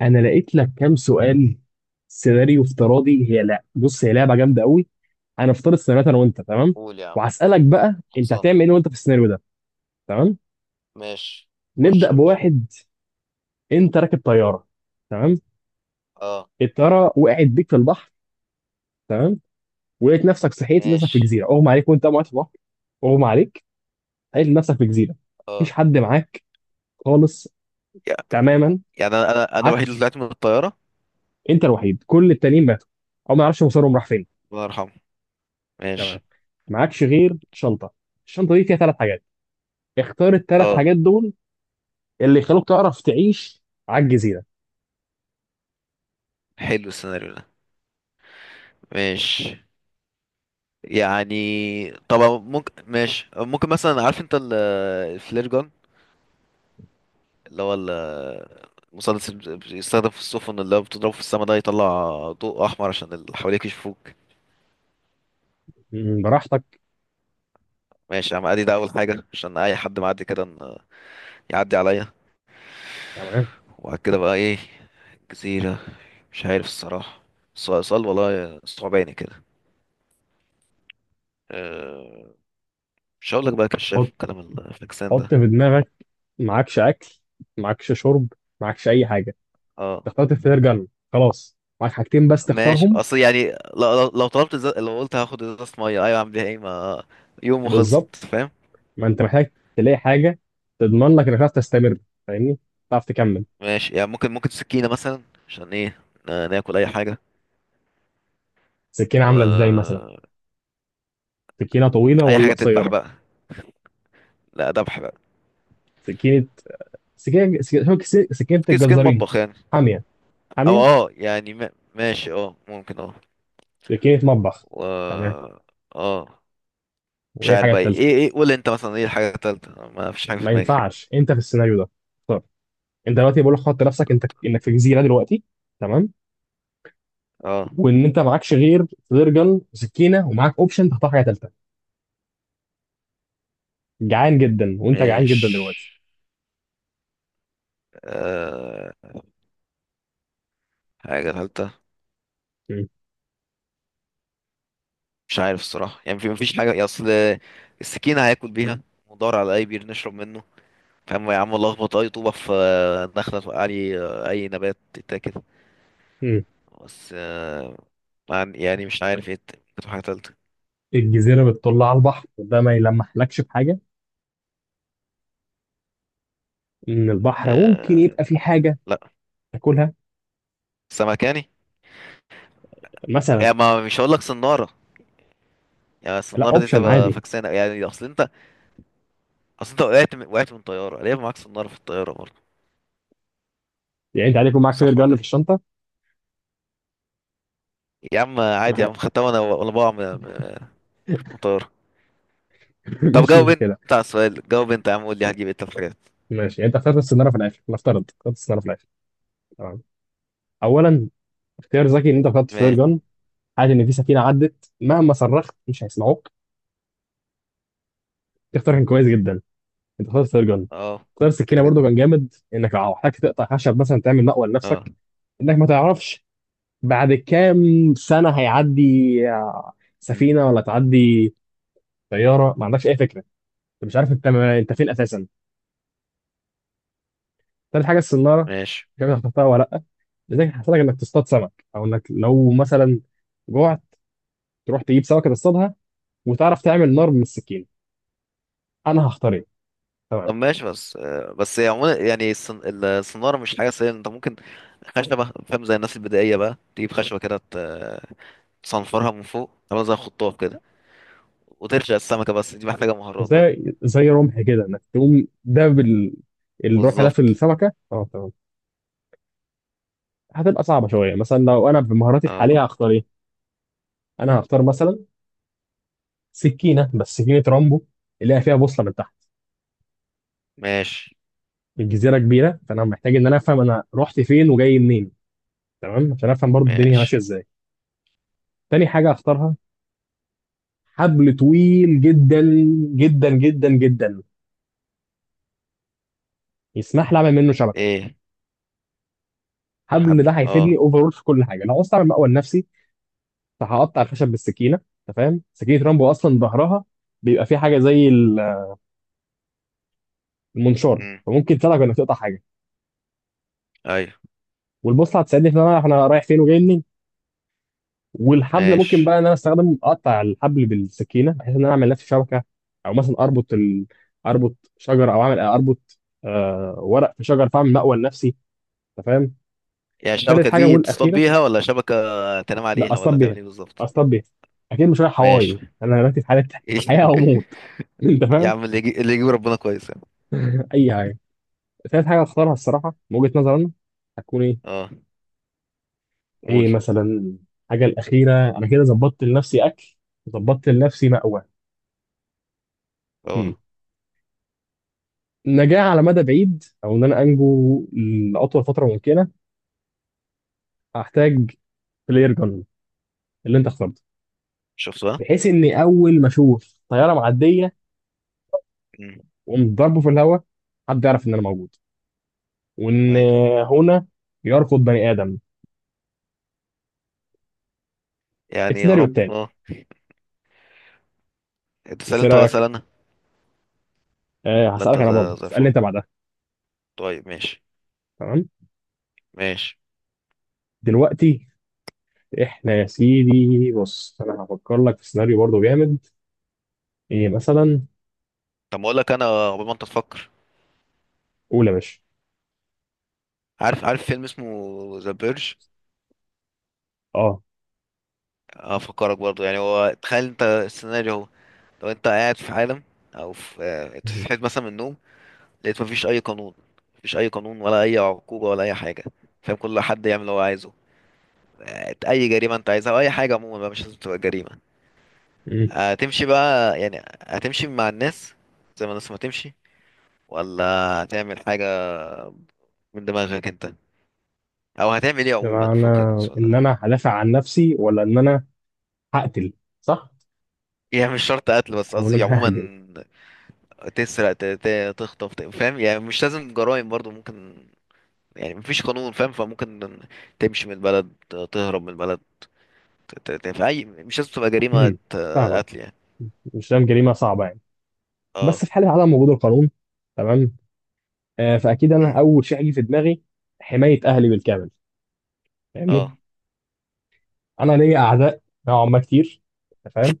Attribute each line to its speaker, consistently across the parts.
Speaker 1: انا لقيت لك كام سؤال، سيناريو افتراضي. هي لا، بص، هي لعبه جامده قوي. انا افترض سيناريوهات انا وانت، تمام؟
Speaker 2: قول يا عم.
Speaker 1: وهسالك بقى انت
Speaker 2: خلصان.
Speaker 1: هتعمل ايه وانت في السيناريو ده، تمام؟
Speaker 2: ماشي. خش
Speaker 1: نبدا
Speaker 2: يا باشا.
Speaker 1: بواحد. انت راكب طياره، تمام.
Speaker 2: اه.
Speaker 1: الطياره وقعت بيك في البحر، تمام. ولقيت نفسك صحيت، لقيت نفسك في
Speaker 2: ماشي.
Speaker 1: جزيره، اغمى عليك وانت قاعد في البحر. اغمى عليك، لقيت نفسك في جزيره. مفيش
Speaker 2: اه
Speaker 1: حد معاك خالص،
Speaker 2: يعني،
Speaker 1: تماما.
Speaker 2: يعني انا الوحيد اللي
Speaker 1: معكش،
Speaker 2: طلعت من الطياره.
Speaker 1: انت الوحيد، كل التانيين ماتوا، او ما يعرفش مصيرهم راح فين.
Speaker 2: الله يرحمه.
Speaker 1: تمام.
Speaker 2: ماشي.
Speaker 1: معكش غير شنطه، الشنطه دي فيها ثلاث حاجات. اختار الثلاث
Speaker 2: اه،
Speaker 1: حاجات دول اللي يخلوك تعرف تعيش على الجزيرة.
Speaker 2: حلو السيناريو ده. ماشي يعني. طبعا ممكن، ماشي، ممكن مثلا، عارف انت الفلير جون، اللي هو المسدس اللي بيستخدم في السفن، اللي هو بتضربه في السما ده يطلع ضوء احمر عشان اللي حواليك يشوفوك.
Speaker 1: براحتك.
Speaker 2: ماشي يا عم، ادي ده اول حاجه عشان اي حد معدي كده يعدي عليا.
Speaker 1: تمام.
Speaker 2: وبعد كده بقى ايه؟ الجزيرة، مش عارف الصراحة. صال والله صعباني كده. أه، مش هقول لك بقى كشاف
Speaker 1: حط
Speaker 2: والكلام الفاكسان
Speaker 1: حط
Speaker 2: ده.
Speaker 1: في دماغك، معكش أكل، معكش شرب، معكش أي حاجة.
Speaker 2: اه
Speaker 1: اخترت اختيار جنة، خلاص معاك حاجتين بس
Speaker 2: ماشي.
Speaker 1: تختارهم.
Speaker 2: اصل يعني لو طلبت زي... لو قلت هاخد ازازة مية، ايوه اعمل بيها ايه؟ ما يوم وخلصت،
Speaker 1: بالظبط،
Speaker 2: فاهم؟
Speaker 1: ما أنت محتاج تلاقي حاجة تضمن لك إنك تعرف تستمر، فاهمني؟ تعرف تكمل.
Speaker 2: ماشي يعني، ممكن سكينة مثلا. عشان ايه؟ ناكل اي حاجة.
Speaker 1: سكينة عاملة إزاي
Speaker 2: و
Speaker 1: مثلا؟ سكينة طويلة
Speaker 2: اي
Speaker 1: ولا
Speaker 2: حاجة تذبح
Speaker 1: قصيرة؟
Speaker 2: بقى. لا، ذبح بقى.
Speaker 1: سكينة. سكينة سكينة. سكينة
Speaker 2: سكين، سكين
Speaker 1: الجزارين،
Speaker 2: مطبخ يعني.
Speaker 1: حامية
Speaker 2: او
Speaker 1: حامية.
Speaker 2: اه يعني ما... ماشي، اه ممكن، اه.
Speaker 1: سكينة مطبخ، تمام.
Speaker 2: و اه، مش
Speaker 1: وإيه
Speaker 2: عارف
Speaker 1: الحاجة
Speaker 2: بقى
Speaker 1: التالتة؟
Speaker 2: ايه، ايه، قول انت مثلا ايه الحاجة التالتة؟ ما فيش حاجة في
Speaker 1: ما
Speaker 2: دماغي.
Speaker 1: ينفعش، انت في السيناريو ده اختار. انت دلوقتي بقول لك حط نفسك انت انك في جزيره دلوقتي، تمام.
Speaker 2: اه.
Speaker 1: وان انت معكش غير فلير جن وسكينه، ومعاك اوبشن تختار حاجه ثالثه. جعان جدا، وانت جعان
Speaker 2: مش
Speaker 1: جدا دلوقتي.
Speaker 2: آه... حاجة تالتة.
Speaker 1: مم.
Speaker 2: مش عارف الصراحة يعني، في مفيش حاجة يا اصل. السكينة هياكل بيها. ودور على اي بير نشرب منه. فاهم يا عم، لخبط اي طوبة في دخلة توقع لي. اي نبات تتاكل.
Speaker 1: مم.
Speaker 2: بس يعني مش عارف ايه ممكن تبقى حاجة تالتة.
Speaker 1: الجزيره بتطل على البحر ده، ما يلمحلكش بحاجه ان البحر ممكن
Speaker 2: آه...
Speaker 1: يبقى فيه حاجه
Speaker 2: لا،
Speaker 1: تاكلها؟
Speaker 2: سمكاني يعني.
Speaker 1: مثلا.
Speaker 2: يعني ما مش هقول لك صنارة، يعني
Speaker 1: لا،
Speaker 2: الصنارة دي
Speaker 1: اوبشن
Speaker 2: تبقى
Speaker 1: عادي.
Speaker 2: فكسانة، يعني اصل انت، اصل انت وقعت من... وقعت من طياره، ليه معاك صناره في الطياره برضه؟
Speaker 1: يعني انت عادي يكون معاك فلير
Speaker 2: صح
Speaker 1: جن
Speaker 2: ولا
Speaker 1: في
Speaker 2: ايه؟
Speaker 1: الشنطه.
Speaker 2: يا عم عادي يا عم، خدتها وانا وانا بقع من من طياره. طب
Speaker 1: مش
Speaker 2: جاوب انت
Speaker 1: مشكله.
Speaker 2: على السؤال، جاوب انت يا عم، قول لي هتجيب ايه؟ طب حاجات.
Speaker 1: ماشي، يعني انت اخترت السيناريو في الاخر، نفترض اخترت السيناريو في الاخر، تمام. اولا، اختيار ذكي ان انت اخترت فلير
Speaker 2: ماشي.
Speaker 1: جن. عادي ان في سفينه عدت مهما صرخت مش هيسمعوك، اختيار كان كويس جدا، انت اخترت سيرجن.
Speaker 2: اه.
Speaker 1: اختيار
Speaker 2: ده
Speaker 1: السكينه
Speaker 2: كده كده.
Speaker 1: برضو كان جامد، انك لو احتاج تقطع خشب مثلا تعمل مأوى
Speaker 2: اه.
Speaker 1: لنفسك، انك ما تعرفش بعد كام سنه هيعدي آه،
Speaker 2: مم.
Speaker 1: سفينه ولا تعدي طياره، ما عندكش اي فكره. انت مش عارف انت فين اساسا. تالت حاجه السناره،
Speaker 2: ماشي.
Speaker 1: مش عارف اخترتها ولا لا، لذلك هتحتاج انك تصطاد سمك، او انك لو مثلا جوعت تروح تجيب سمكه تصطادها، وتعرف تعمل نار من السكين. انا هختار ايه؟ تمام.
Speaker 2: طب ماشي، بس بس يعني عموما، يعني الصنارة مش حاجة سهلة. انت ممكن خشبة، فاهم؟ زي الناس البدائية بقى، تجيب خشبة كده تصنفرها من فوق، تعملها زي خطاف كده، وترشق السمكة. بس دي محتاجة مهارات بقى.
Speaker 1: زي رمح كده انك تقوم داب الرمح ده في
Speaker 2: بالظبط.
Speaker 1: السمكه، اه تمام. هتبقى صعبه شويه، مثلا لو انا بمهاراتي
Speaker 2: اه.
Speaker 1: الحاليه هختار ايه؟ انا هختار مثلا سكينه، بس سكينه رامبو، اللي هي فيها بوصله من تحت.
Speaker 2: ماشي.
Speaker 1: الجزيره كبيره، فانا محتاج ان انا افهم انا رحت فين وجاي منين، تمام، عشان افهم برضو الدنيا ماشيه
Speaker 2: ماشي.
Speaker 1: ازاي. تاني حاجه هختارها حبل طويل جدا، جدا جدا جدا، يسمح لي اعمل منه شبكه.
Speaker 2: ايه.
Speaker 1: حبل
Speaker 2: حبل،
Speaker 1: ده هيفيدني
Speaker 2: اه.
Speaker 1: اوفرول في كل حاجه، لو عاوز اعمل مأوى لنفسي. فهقطع الخشب بالسكينه. انت فاهم سكينه رامبو اصلا ظهرها بيبقى فيه حاجه زي المنشار،
Speaker 2: امم،
Speaker 1: فممكن تساعدك انك تقطع حاجه.
Speaker 2: ايوه.
Speaker 1: والبوصله هتساعدني في ان انا رايح فين وجاي منين. والحبل ممكن
Speaker 2: ماشي.
Speaker 1: بقى ان انا استخدم، اقطع الحبل بالسكينه بحيث ان انا اعمل لنفسي شبكه. او مثلا اربط اربط شجره، او اعمل اربط ورق في شجر، فاعمل مأوى لنفسي. انت فاهم.
Speaker 2: يعني
Speaker 1: ثالث
Speaker 2: الشبكة
Speaker 1: حاجه
Speaker 2: دي تصطاد
Speaker 1: والاخيره،
Speaker 2: بيها ولا شبكة تنام
Speaker 1: لا،
Speaker 2: عليها؟
Speaker 1: اصطاد
Speaker 2: ولا تعمل
Speaker 1: بيها،
Speaker 2: ايه بالظبط؟
Speaker 1: اصطاد بيها. اكيد مش رايح
Speaker 2: ماشي.
Speaker 1: هواي انا دلوقتي، في حاله حياه او موت. انت
Speaker 2: يا
Speaker 1: فاهم؟
Speaker 2: عم، اللي يجي اللي يجيب ربنا كويس يعني.
Speaker 1: اي حاجه. ثالث حاجة هختارها الصراحة من وجهة نظري أنا، هتكون إيه؟
Speaker 2: اه.
Speaker 1: إيه
Speaker 2: قول.
Speaker 1: مثلا الحاجة الأخيرة. أنا كده ظبطت لنفسي أكل، ظبطت لنفسي مأوى. هم.
Speaker 2: اه،
Speaker 1: نجاة على مدى بعيد، أو إن أنا أنجو لأطول فترة ممكنة. هحتاج بلاير جن اللي أنت اخترته،
Speaker 2: شفت بقى.
Speaker 1: بحيث إني أول ما أشوف طيارة معدية
Speaker 2: امم.
Speaker 1: وأقوم ضربه في الهواء، حد يعرف إن أنا موجود، وإن
Speaker 2: ايوه.
Speaker 1: هنا يركض بني آدم.
Speaker 2: يعني يا
Speaker 1: السيناريو
Speaker 2: رب.
Speaker 1: التاني،
Speaker 2: اه. انت سأل
Speaker 1: بس إيه
Speaker 2: انت ولا سأل
Speaker 1: رأيك؟
Speaker 2: انا؟
Speaker 1: أه،
Speaker 2: لا، انت
Speaker 1: هسألك أنا برضه،
Speaker 2: زي
Speaker 1: اسألني
Speaker 2: الفل.
Speaker 1: أنت بعدها.
Speaker 2: طيب ماشي.
Speaker 1: تمام؟
Speaker 2: ماشي.
Speaker 1: دلوقتي احنا يا سيدي، بص انا هفكر لك في سيناريو برضه جامد. ايه مثلا؟
Speaker 2: طب ما اقول لك انا قبل ما انت تفكر.
Speaker 1: قول يا باشا.
Speaker 2: عارف، عارف فيلم اسمه ذا بيرج؟
Speaker 1: اه.
Speaker 2: افكرك برضه يعني، هو تخيل انت السيناريو، هو لو انت قاعد في عالم، او في انت
Speaker 1: مم.
Speaker 2: صحيت مثلا من النوم، لقيت مفيش اي قانون، مفيش اي قانون ولا اي عقوبه ولا اي حاجه، فاهم؟ كل حد يعمل اللي هو عايزه. اي جريمه انت عايزها، واي حاجه عموما بقى، مش لازم تبقى جريمه.
Speaker 1: مم.
Speaker 2: هتمشي بقى يعني، هتمشي مع الناس زي ما الناس ما تمشي، ولا هتعمل حاجه من دماغك انت، او هتعمل ايه عموما؟
Speaker 1: يبقى انا
Speaker 2: فكك من السؤال
Speaker 1: ان
Speaker 2: ده.
Speaker 1: انا هدافع عن نفسي ولا ان انا هقتل؟ صح؟
Speaker 2: يعني مش شرط قتل، بس
Speaker 1: او ان
Speaker 2: قصدي
Speaker 1: انا
Speaker 2: عموما،
Speaker 1: ههاجم؟
Speaker 2: تسرق، تخطف، فاهم؟ يعني مش لازم جرائم برضو ممكن، يعني مفيش قانون، فاهم؟ فممكن تمشي من البلد، تهرب من البلد، في اي، مش لازم تبقى جريمة
Speaker 1: مم. فاهمك.
Speaker 2: قتل يعني.
Speaker 1: مش فاهم جريمه صعبه يعني، بس
Speaker 2: اه.
Speaker 1: في حاله عدم وجود القانون، تمام. فاكيد
Speaker 2: مم.
Speaker 1: انا اول شيء هيجي في دماغي حمايه اهلي بالكامل،
Speaker 2: اه.
Speaker 1: فاهمني. انا ليا اعداء نوعا ما كتير، أنت فاهم.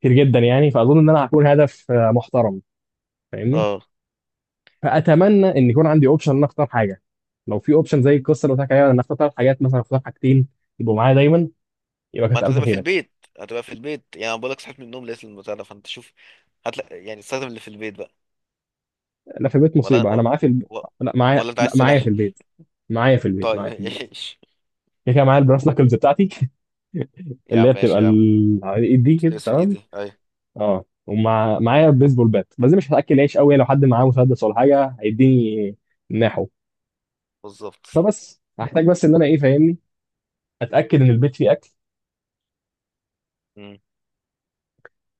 Speaker 1: كتير جدا يعني، فاظن ان انا هكون هدف محترم، فاهمني.
Speaker 2: اه،
Speaker 1: فاتمنى ان يكون عندي اوبشن ان أنا اختار حاجه. لو في اوبشن زي القصه اللي قلت لك عليها، ان اختار ثلاث حاجات مثلا، اختار حاجتين يبقوا معايا دايما، يبقى
Speaker 2: ما
Speaker 1: كانت
Speaker 2: انت
Speaker 1: الف
Speaker 2: هتبقى في
Speaker 1: خيرك.
Speaker 2: البيت. هتبقى في البيت يعني، انا بقول لك صحيت من النوم لقيت البتاع ده، فانت شوف، هتلاقي يعني، استخدم اللي في البيت بقى.
Speaker 1: انا في البيت
Speaker 2: ولا
Speaker 1: مصيبه،
Speaker 2: و...
Speaker 1: انا معايا في
Speaker 2: و...
Speaker 1: لا، معايا،
Speaker 2: ولا انت عايز
Speaker 1: لا معايا
Speaker 2: سلاح؟
Speaker 1: في البيت، معايا في البيت،
Speaker 2: طيب.
Speaker 1: معايا في البيت.
Speaker 2: ايش.
Speaker 1: كده كده معايا البراس ناكلز بتاعتي
Speaker 2: يا
Speaker 1: اللي هي
Speaker 2: عم
Speaker 1: بتبقى
Speaker 2: ماشي يا عم.
Speaker 1: على الايد دي كده،
Speaker 2: بس في الايد
Speaker 1: تمام.
Speaker 2: دي، ايوه.
Speaker 1: اه، ومع معايا بيسبول بات، بس دي مش هتاكل عيش قوي، لو حد معاه مسدس ولا حاجه هيديني ناحو.
Speaker 2: بالظبط.
Speaker 1: فبس هحتاج، بس ان انا ايه، فاهمني، اتاكد ان البيت فيه اكل،
Speaker 2: مم.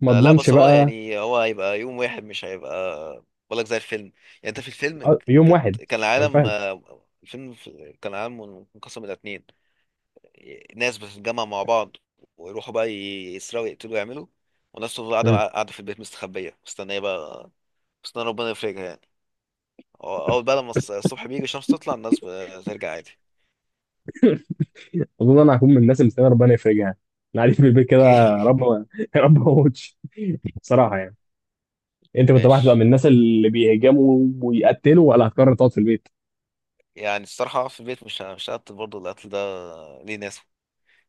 Speaker 1: ما
Speaker 2: لا
Speaker 1: اضمنش
Speaker 2: بس هو
Speaker 1: بقى.
Speaker 2: يعني، هو هيبقى يوم واحد، مش هيبقى. بقول لك زي الفيلم يعني، انت في الفيلم
Speaker 1: يوم
Speaker 2: كانت،
Speaker 1: واحد،
Speaker 2: كان
Speaker 1: انا
Speaker 2: العالم
Speaker 1: فاهم.
Speaker 2: الفيلم كان العالم منقسم الى اتنين. ناس بتتجمع مع بعض، ويروحوا بقى يسرقوا، يقتلوا، يعملوا. وناس تفضل قاعدة، قاعدة في البيت مستخبية، مستنية بقى، مستنية ربنا يفرجها يعني. أول بقى لما الصبح بيجي، الشمس تطلع، الناس بترجع عادي.
Speaker 1: اظن انا هكون من الناس اللي استنى ربنا يفرجها يعني. انا قاعد في البيت كده، يا رب يا رب ما اموتش، صراحه يعني. انت كنت واحد بقى، هتبقى من
Speaker 2: ماشي.
Speaker 1: الناس اللي بيهجموا ويقتلوا ولا هتقرر تقعد في البيت؟
Speaker 2: يعني الصراحة في البيت، مش هقتل برضه، القتل ده ليه ناس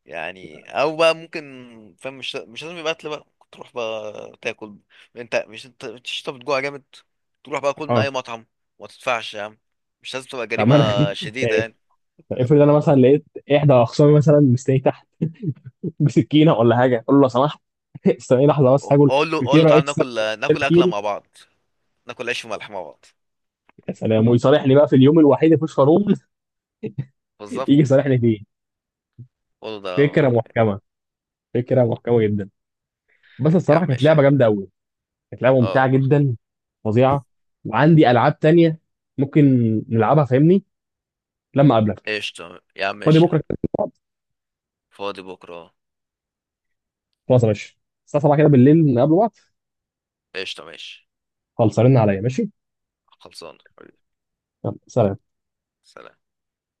Speaker 2: يعني. أو بقى ممكن، فاهم؟ مش لازم يبقى قتل بقى، ممكن تروح بقى تاكل، انت مش انت بتجوع جامد، تروح بقى كل من
Speaker 1: اه.
Speaker 2: أي مطعم، ما تدفعش يا عم. مش لازم تبقى
Speaker 1: طب
Speaker 2: جريمة
Speaker 1: ما انا
Speaker 2: شديدة
Speaker 1: يعني،
Speaker 2: يعني.
Speaker 1: طب افرض انا مثلا لقيت احدى اخصامي مثلا مستني تحت بسكينه ولا حاجه، اقول له لو سمحت استني لحظه بس هاكل
Speaker 2: اقول له
Speaker 1: فطيره
Speaker 2: تعالى
Speaker 1: اكسترا،
Speaker 2: ناكل،
Speaker 1: كده
Speaker 2: ناكل اكله
Speaker 1: كيري.
Speaker 2: مع بعض، ناكل عيش وملح مع بعض.
Speaker 1: يا سلام، ويصالحني بقى في اليوم الوحيد اللي مفيش قانون يجي
Speaker 2: بالظبط.
Speaker 1: يصالحني فيه.
Speaker 2: قول له ده.
Speaker 1: فكره محكمه، فكره محكمه جدا. بس
Speaker 2: يا
Speaker 1: الصراحه
Speaker 2: عم
Speaker 1: كانت
Speaker 2: ماشي
Speaker 1: لعبه
Speaker 2: يعني.
Speaker 1: جامده قوي، كانت لعبه
Speaker 2: اه
Speaker 1: ممتعه
Speaker 2: والله.
Speaker 1: جدا، فظيعه. وعندي العاب تانية ممكن نلعبها، فاهمني، لما اقابلك.
Speaker 2: قشطه يا عم
Speaker 1: فاضي
Speaker 2: ماشي يا
Speaker 1: بكره
Speaker 2: عم.
Speaker 1: كده نقعد؟
Speaker 2: فاضي بكره.
Speaker 1: خلاص يا باشا، الساعه 7 كده بالليل نقابل بعض.
Speaker 2: قشطه ماشي.
Speaker 1: خلص رن عليا، ماشي.
Speaker 2: خلصانه حبيبي.
Speaker 1: يلا سلام.
Speaker 2: سلام.